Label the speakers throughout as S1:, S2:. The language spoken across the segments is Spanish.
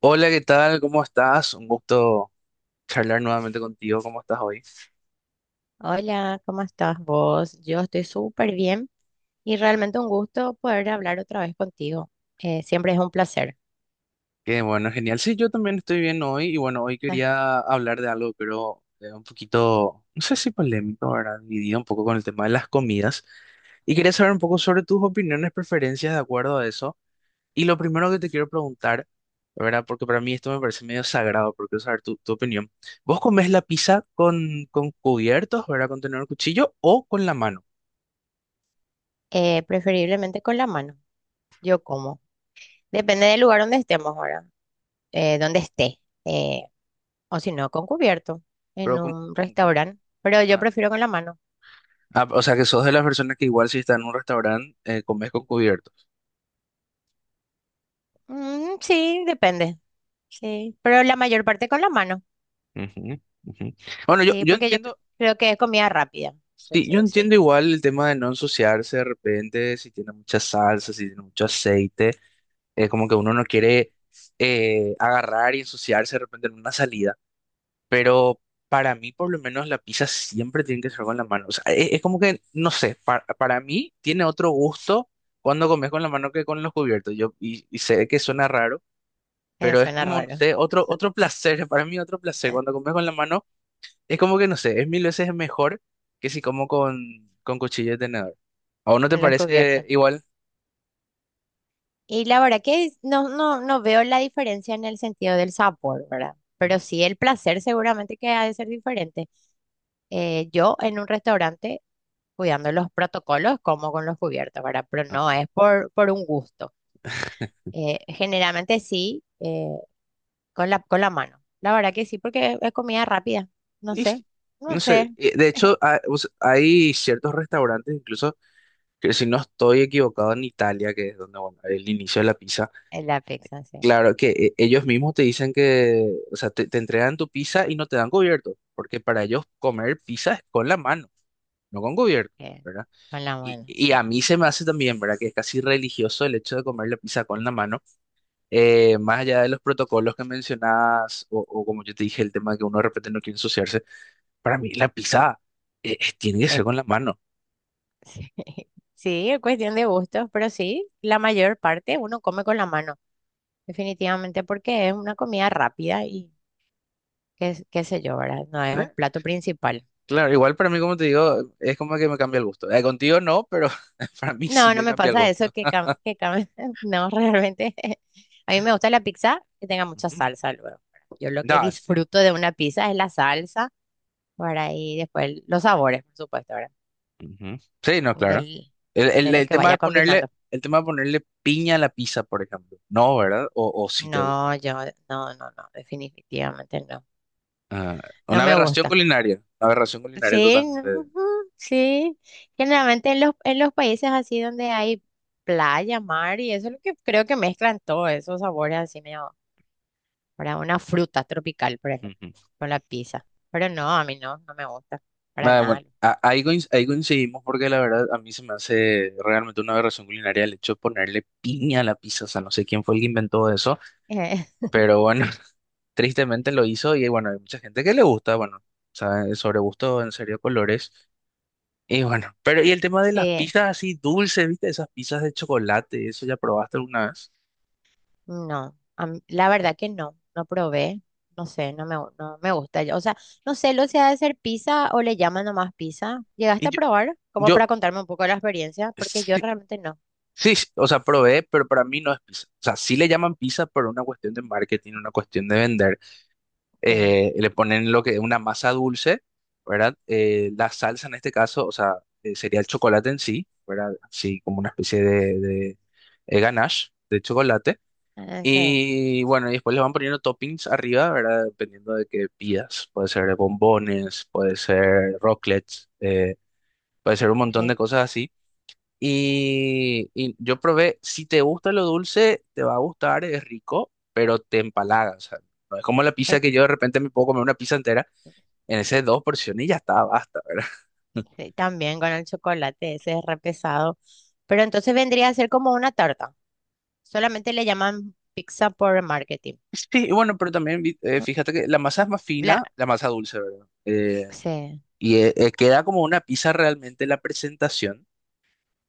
S1: Hola, ¿qué tal? ¿Cómo estás? Un gusto charlar nuevamente contigo. ¿Cómo estás hoy?
S2: Hola, ¿cómo estás vos? Yo estoy súper bien y realmente un gusto poder hablar otra vez contigo. Siempre es un placer.
S1: Qué bueno, genial. Sí, yo también estoy bien hoy y bueno, hoy
S2: Ah.
S1: quería hablar de algo, pero un poquito, no sé si polémico, ¿verdad? Dividido un poco con el tema de las comidas y quería saber un poco sobre tus opiniones, preferencias de acuerdo a eso. Y lo primero que te quiero preguntar, ¿verdad? Porque para mí esto me parece medio sagrado, porque quiero saber tu opinión. ¿Vos comés la pizza con, cubiertos, ¿verdad? Con tenedor cuchillo o con la mano?
S2: Preferiblemente con la mano. Yo como. Depende del lugar donde estemos ahora, eh, donde esté, eh, o si no, con cubierto en
S1: Pero, ¿cómo-
S2: un
S1: cómo- cómo?
S2: restaurante. Pero yo
S1: Ah,
S2: prefiero con la mano.
S1: Ah, o sea que sos de las personas que igual si estás en un restaurante, comes con cubiertos.
S2: Mm, sí, depende. Sí, pero la mayor parte con la mano.
S1: Ujú, ujú. Bueno, yo,
S2: Sí,
S1: yo
S2: porque yo
S1: entiendo,
S2: creo que es comida rápida.
S1: sí, yo
S2: Entonces,
S1: entiendo
S2: sí,
S1: igual el tema de no ensuciarse de repente, si tiene mucha salsa, si tiene mucho aceite, es como que uno no quiere agarrar y ensuciarse de repente en una salida, pero para mí por lo menos la pizza siempre tiene que ser con la mano, o sea, es, como que, no sé, para mí tiene otro gusto cuando comes con la mano que con los cubiertos, yo, y sé que suena raro. Pero es
S2: suena
S1: como, no
S2: raro.
S1: sé, otro placer, para mí otro placer. Cuando comes con la mano, es como que, no sé, es mil veces mejor que si como con, cuchillo de tenedor. ¿A vos no te
S2: Con los
S1: parece
S2: cubiertos.
S1: igual?
S2: Y la verdad que no, no veo la diferencia en el sentido del sabor, ¿verdad? Pero
S1: Mm.
S2: sí el placer seguramente que ha de ser diferente. Yo en un restaurante, cuidando los protocolos, como con los cubiertos, ¿verdad? Pero no
S1: Ah.
S2: es por un gusto. Generalmente sí, con con la mano. La verdad que sí, porque es comida rápida. No
S1: Y
S2: sé,
S1: sí,
S2: no
S1: no sé,
S2: sé.
S1: de hecho, o sea, hay ciertos restaurantes, incluso, que si no estoy equivocado, en Italia, que es donde, bueno, el inicio de la pizza,
S2: Es la pizza, sí.
S1: claro que ellos mismos te dicen que, o sea, te entregan tu pizza y no te dan cubierto, porque para ellos comer pizza es con la mano, no con cubierto.
S2: eh,
S1: ¿Verdad?
S2: con la mano,
S1: Y
S2: sí.
S1: a mí se me hace también, ¿verdad? Que es casi religioso el hecho de comer la pizza con la mano, más allá de los protocolos que mencionabas, o como yo te dije, el tema de que uno de repente no quiere ensuciarse, para mí la pizza tiene que ser
S2: Es-
S1: con la mano,
S2: sí. Sí, es cuestión de gustos, pero sí, la mayor parte uno come con la mano. Definitivamente porque es una comida rápida y qué, qué sé yo, ¿verdad? No es un
S1: ¿eh?
S2: plato principal.
S1: Claro, igual para mí, como te digo, es como que me cambia el gusto. Contigo no, pero para mí sí
S2: No, no
S1: me
S2: me
S1: cambia el
S2: pasa eso
S1: gusto.
S2: que, no, realmente. A mí me gusta la pizza que tenga mucha
S1: Ujú.
S2: salsa luego. ¿Verdad? Yo lo que
S1: No, sí.
S2: disfruto de una pizza es la salsa, ¿verdad? Y después los sabores, por supuesto, ¿verdad?
S1: Ujú. Sí, no, claro.
S2: Del, de lo
S1: El
S2: que
S1: tema
S2: vaya
S1: de ponerle,
S2: combinando.
S1: el tema de ponerle piña a la pizza, por ejemplo. No, ¿verdad? O si te gusta.
S2: No, yo, no, definitivamente no.
S1: Ah,
S2: No me gusta.
S1: una aberración culinaria
S2: Sí, no,
S1: totalmente.
S2: ujú, sí. Generalmente en los países así donde hay playa, mar y eso es lo que creo que mezclan todos esos sabores así medio para una fruta tropical, por ejemplo,
S1: Ujú.
S2: con la pizza. Pero no, a mí no, no me gusta para
S1: Nada, bueno,
S2: nada.
S1: ahí, ahí coincidimos porque la verdad a mí se me hace realmente una aberración culinaria el hecho de ponerle piña a la pizza, o sea, no sé quién fue el que inventó eso,
S2: Eh,
S1: pero bueno, tristemente lo hizo y bueno, hay mucha gente que le gusta, bueno, o sobre gusto, en serio, colores. Y bueno, pero y el tema de las
S2: sí,
S1: pizzas así dulces, ¿viste? Esas pizzas de chocolate, eso ya probaste alguna vez.
S2: no. La verdad que no, no probé. No sé, no me gusta. O sea, no sé lo sea de ser pizza o le llaman nomás pizza.
S1: Y
S2: ¿Llegaste a
S1: yo,
S2: probar? Como
S1: yo
S2: para contarme un poco de la experiencia, porque yo realmente no.
S1: Sí, sí, o sea, probé, pero para mí no es pizza. O sea, sí le llaman pizza pero una cuestión de marketing, una cuestión de vender.
S2: Sí,
S1: Le ponen lo que es una masa dulce, ¿verdad? La salsa en este caso, o sea, sería el chocolate en sí, ¿verdad? Así como una especie de ganache de chocolate.
S2: ah, sí.
S1: Y bueno, y después le van poniendo toppings arriba, ¿verdad? Dependiendo de qué pidas. Puede ser bombones, puede ser rocklets, puede ser un montón
S2: Sí,
S1: de cosas así. Y yo probé, si te gusta lo dulce, te va a gustar, es rico, pero te empalaga. O sea, no es como la pizza
S2: eh,
S1: que yo de repente me puedo comer una pizza entera en esas dos porciones y ya está, basta, ¿verdad?
S2: sí, también con el chocolate, ese es re pesado. Pero entonces vendría a ser como una tarta. Solamente le llaman pizza por marketing.
S1: Sí, y bueno, pero también
S2: ¿No?
S1: fíjate que la masa es más
S2: La,
S1: fina, la masa dulce, ¿verdad?
S2: sí,
S1: Queda como una pizza realmente la presentación,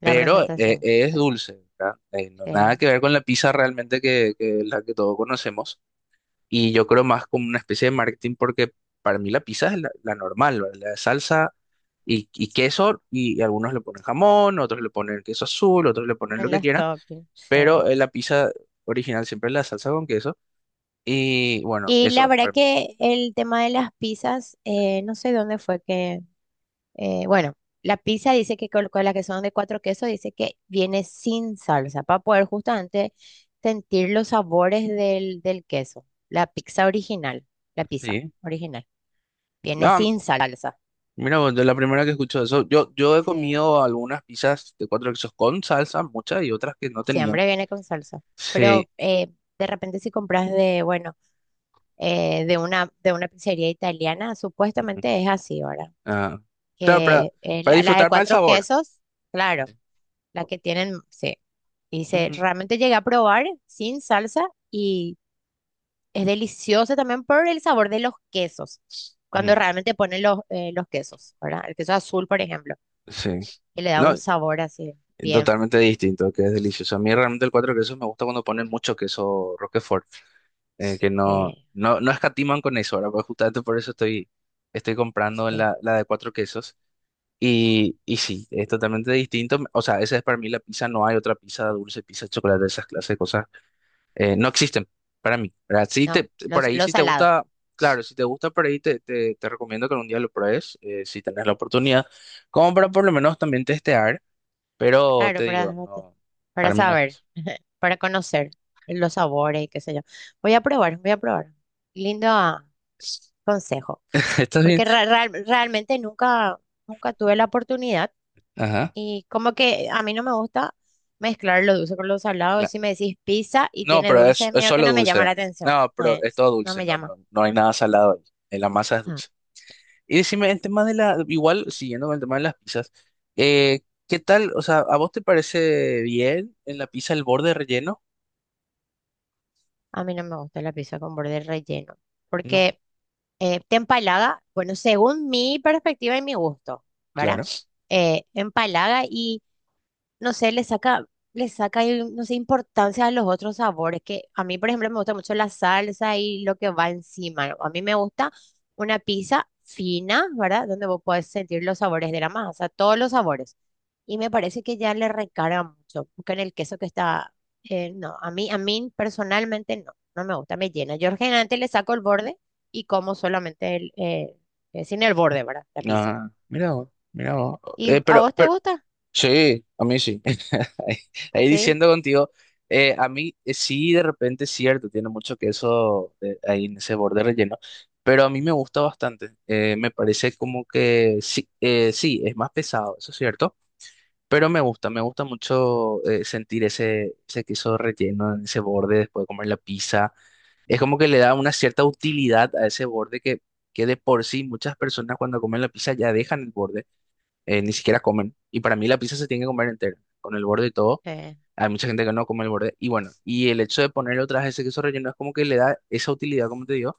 S2: la
S1: pero
S2: presentación.
S1: es
S2: Sí,
S1: dulce, ¿verdad? No, nada
S2: sí,
S1: que ver con la pizza realmente que la que todos conocemos. Y yo creo más como una especie de marketing porque para mí la pizza es la normal, ¿verdad? La de salsa y queso y, algunos le ponen jamón, otros le ponen queso azul, otros le ponen lo
S2: en
S1: que
S2: los
S1: quieran,
S2: toppings,
S1: pero
S2: sí.
S1: la pizza original siempre es la salsa con queso y bueno,
S2: Y
S1: eso
S2: la
S1: es
S2: verdad
S1: para mí.
S2: que el tema de las pizzas, no sé dónde fue que bueno, la pizza dice que con las que son de cuatro quesos, dice que viene sin salsa para poder justamente sentir los sabores del queso. La pizza
S1: Sí.
S2: original viene
S1: Ah,
S2: sin salsa.
S1: mira, vos, de la primera que escucho eso, yo he
S2: Sí,
S1: comido algunas pizzas de cuatro quesos con salsa, muchas y otras que no tenían.
S2: siempre viene con salsa.
S1: Sí.
S2: Pero de repente si compras de, bueno, de una pizzería italiana,
S1: Ujú.
S2: supuestamente es así, ¿verdad?
S1: Ah, claro,
S2: Que
S1: para
S2: la de
S1: disfrutar más el
S2: cuatro
S1: sabor.
S2: quesos, claro. La que tienen, sí. Dice,
S1: Ujú,
S2: realmente llegué a probar sin salsa y es deliciosa también por el sabor de los quesos.
S1: ujú.
S2: Cuando realmente ponen los quesos, ¿verdad? El queso azul, por ejemplo,
S1: Sí.
S2: que le da
S1: No,
S2: un sabor así bien,
S1: totalmente distinto, que es delicioso. A mí realmente el cuatro quesos me gusta cuando ponen mucho queso Roquefort, que no,
S2: eh,
S1: no escatiman con eso, ahora pues justamente por eso estoy, estoy comprando
S2: sí.
S1: la de cuatro quesos. Y sí, es totalmente distinto. O sea, esa es para mí la pizza, no hay otra pizza dulce, pizza de chocolate, esas clases de cosas. Eh, no existen para mí, ¿verdad? Sí
S2: No,
S1: te, por
S2: los
S1: ahí
S2: lo
S1: si te
S2: salado.
S1: gusta, claro, si te gusta por ahí te recomiendo que algún día lo pruebes, si tenés la oportunidad, como para por lo menos también testear. Pero
S2: Claro,
S1: te digo, no,
S2: para
S1: para mí no es
S2: saber,
S1: queso.
S2: para conocer los sabores y qué sé yo. Voy a probar, voy a probar. Lindo ah, consejo,
S1: ¿Está bien?
S2: porque realmente nunca, nunca tuve la oportunidad.
S1: Ajá.
S2: Y como que a mí no me gusta mezclar lo dulce con lo salado.
S1: cla-
S2: Si me decís pizza y
S1: No,
S2: tiene
S1: pero
S2: dulce,
S1: es
S2: medio que
S1: solo
S2: no me llama
S1: dulce.
S2: la atención.
S1: No, pero
S2: Eh,
S1: es todo
S2: no
S1: dulce,
S2: me
S1: no,
S2: llama.
S1: no, no hay nada salado ahí. La masa es
S2: Ah,
S1: dulce. Y decime, el tema de la, igual, siguiendo con el tema de las pizzas, eh, ¿qué tal? O sea, ¿a vos te parece bien en la pizza el borde relleno?
S2: a mí no me gusta la pizza con borde relleno.
S1: No,
S2: Porque te empalaga, bueno, según mi perspectiva y mi gusto, ¿verdad?
S1: claro.
S2: Empalaga no sé, le saca, no sé, importancia a los otros sabores, que a mí, por ejemplo, me gusta mucho la salsa y lo que va encima, ¿no? A mí me gusta una pizza fina, ¿verdad? Donde vos podés sentir los sabores de la masa, todos los sabores. Y me parece que ya le recarga mucho, porque en el queso que está, no, a mí personalmente no, no me gusta, me llena. Yo generalmente le saco el borde y como solamente el, sin el borde, ¿verdad? La pizza.
S1: Ah, mira vos, mira vos.
S2: ¿Y
S1: Eh,
S2: a
S1: pero,
S2: vos te
S1: pero
S2: gusta?
S1: Sí, a mí sí. Ahí ahí
S2: Sí.
S1: diciendo contigo, a mí sí, de repente es cierto, tiene mucho queso ahí en ese borde relleno, pero a mí me gusta bastante. Me parece como que sí, sí, es más pesado, eso es cierto, pero me gusta mucho sentir ese queso relleno en ese borde después de comer la pizza. Es como que le da una cierta utilidad a ese borde que de por sí muchas personas cuando comen la pizza ya dejan el borde ni siquiera comen. Y para mí la pizza se tiene que comer entera, con el borde y todo.
S2: eh,
S1: Hay mucha gente que no come el borde. Y bueno, y el hecho de ponerle otra vez ese queso relleno es como que le da esa utilidad, como te digo.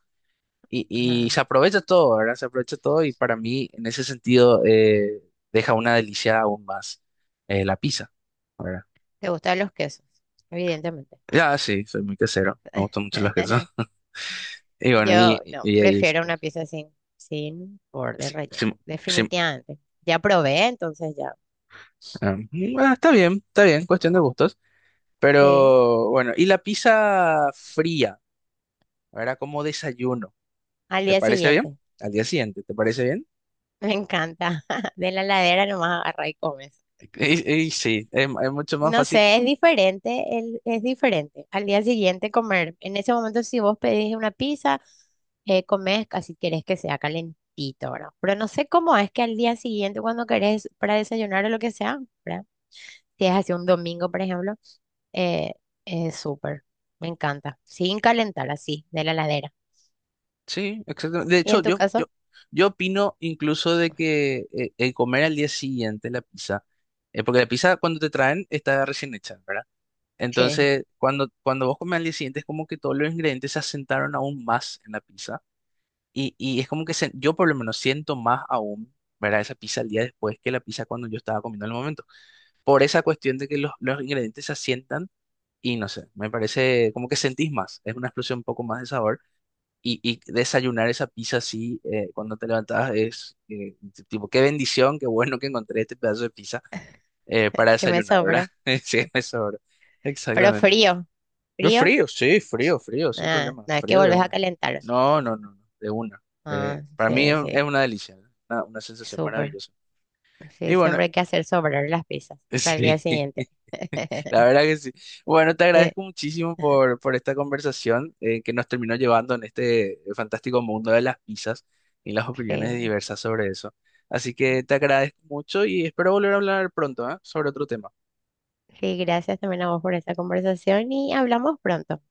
S1: Y
S2: ajá.
S1: se aprovecha todo, ¿verdad? Se aprovecha todo y para mí, en ese sentido, deja una delicia aún más la pizza, ¿verdad?
S2: ¿Te gustan los quesos? Evidentemente.
S1: Ya, sí, soy muy quesero. Me gustan mucho los quesos. Y bueno,
S2: Yo no, prefiero una pieza sin, sin borde
S1: sí-
S2: relleno.
S1: sí- sí,
S2: Definitivamente. Ya probé, entonces ya.
S1: ah, mm, ah, está bien, cuestión
S2: Mm,
S1: de gustos.
S2: sí.
S1: Pero bueno, ¿y la pizza fría? Era como desayuno.
S2: Al
S1: ¿Te
S2: día
S1: parece bien?
S2: siguiente.
S1: Al día siguiente, ¿te parece bien?
S2: Me encanta. De la heladera nomás agarra y comes.
S1: Y sí, es mucho más
S2: No
S1: fácil.
S2: sé, es diferente, es diferente. Al día siguiente comer. En ese momento, si vos pedís una pizza, comes casi querés que sea calentito, ¿verdad? Pero no sé cómo es que al día siguiente, cuando querés para desayunar o lo que sea, ¿verdad? Si es así un domingo, por ejemplo, eh, es súper. Me encanta. Sin calentar, así, de la heladera.
S1: Sí, exactamente. De
S2: ¿Y
S1: hecho,
S2: en tu caso?
S1: yo opino incluso de que el comer al día siguiente la pizza, porque la pizza cuando te traen está recién hecha, ¿verdad?
S2: ¿Qué?
S1: Entonces, cuando vos comes al día siguiente es como que todos los ingredientes se asentaron aún más en la pizza y es como que yo por lo menos siento más aún, ¿verdad? Esa pizza al día después que la pizza cuando yo estaba comiendo en el momento. Por esa cuestión de que los ingredientes se asientan y no sé, me parece como que sentís más, es una explosión un poco más de sabor y desayunar esa pizza así cuando te levantas es tipo, qué bendición, qué bueno que encontré este pedazo de pizza para
S2: ¿Qué me
S1: desayunar, ¿verdad?
S2: sobra?
S1: Sí, eso, ¿verdad?
S2: Pero
S1: Exactamente.
S2: frío.
S1: No
S2: ¿Frío?
S1: frío, sí, frío, frío, sin
S2: Ah,
S1: problema,
S2: no, es que
S1: frío de
S2: volvés a
S1: una.
S2: calentar.
S1: No, no, no, no, de una.
S2: Ah,
S1: Para mí
S2: sí,
S1: es
S2: sí.
S1: una delicia, ¿no? Una sensación
S2: Súper.
S1: maravillosa. Y
S2: Sí,
S1: bueno,
S2: siempre hay que hacer sobrar las pizzas para el día
S1: sí.
S2: siguiente.
S1: La verdad que sí. Bueno, te agradezco muchísimo por esta conversación que nos terminó llevando en este fantástico mundo de las pizzas y las opiniones
S2: Sí.
S1: diversas sobre eso. Así que te agradezco mucho y espero volver a hablar pronto, ¿eh? Sobre otro tema.
S2: Sí, gracias también a vos por esta conversación y hablamos pronto.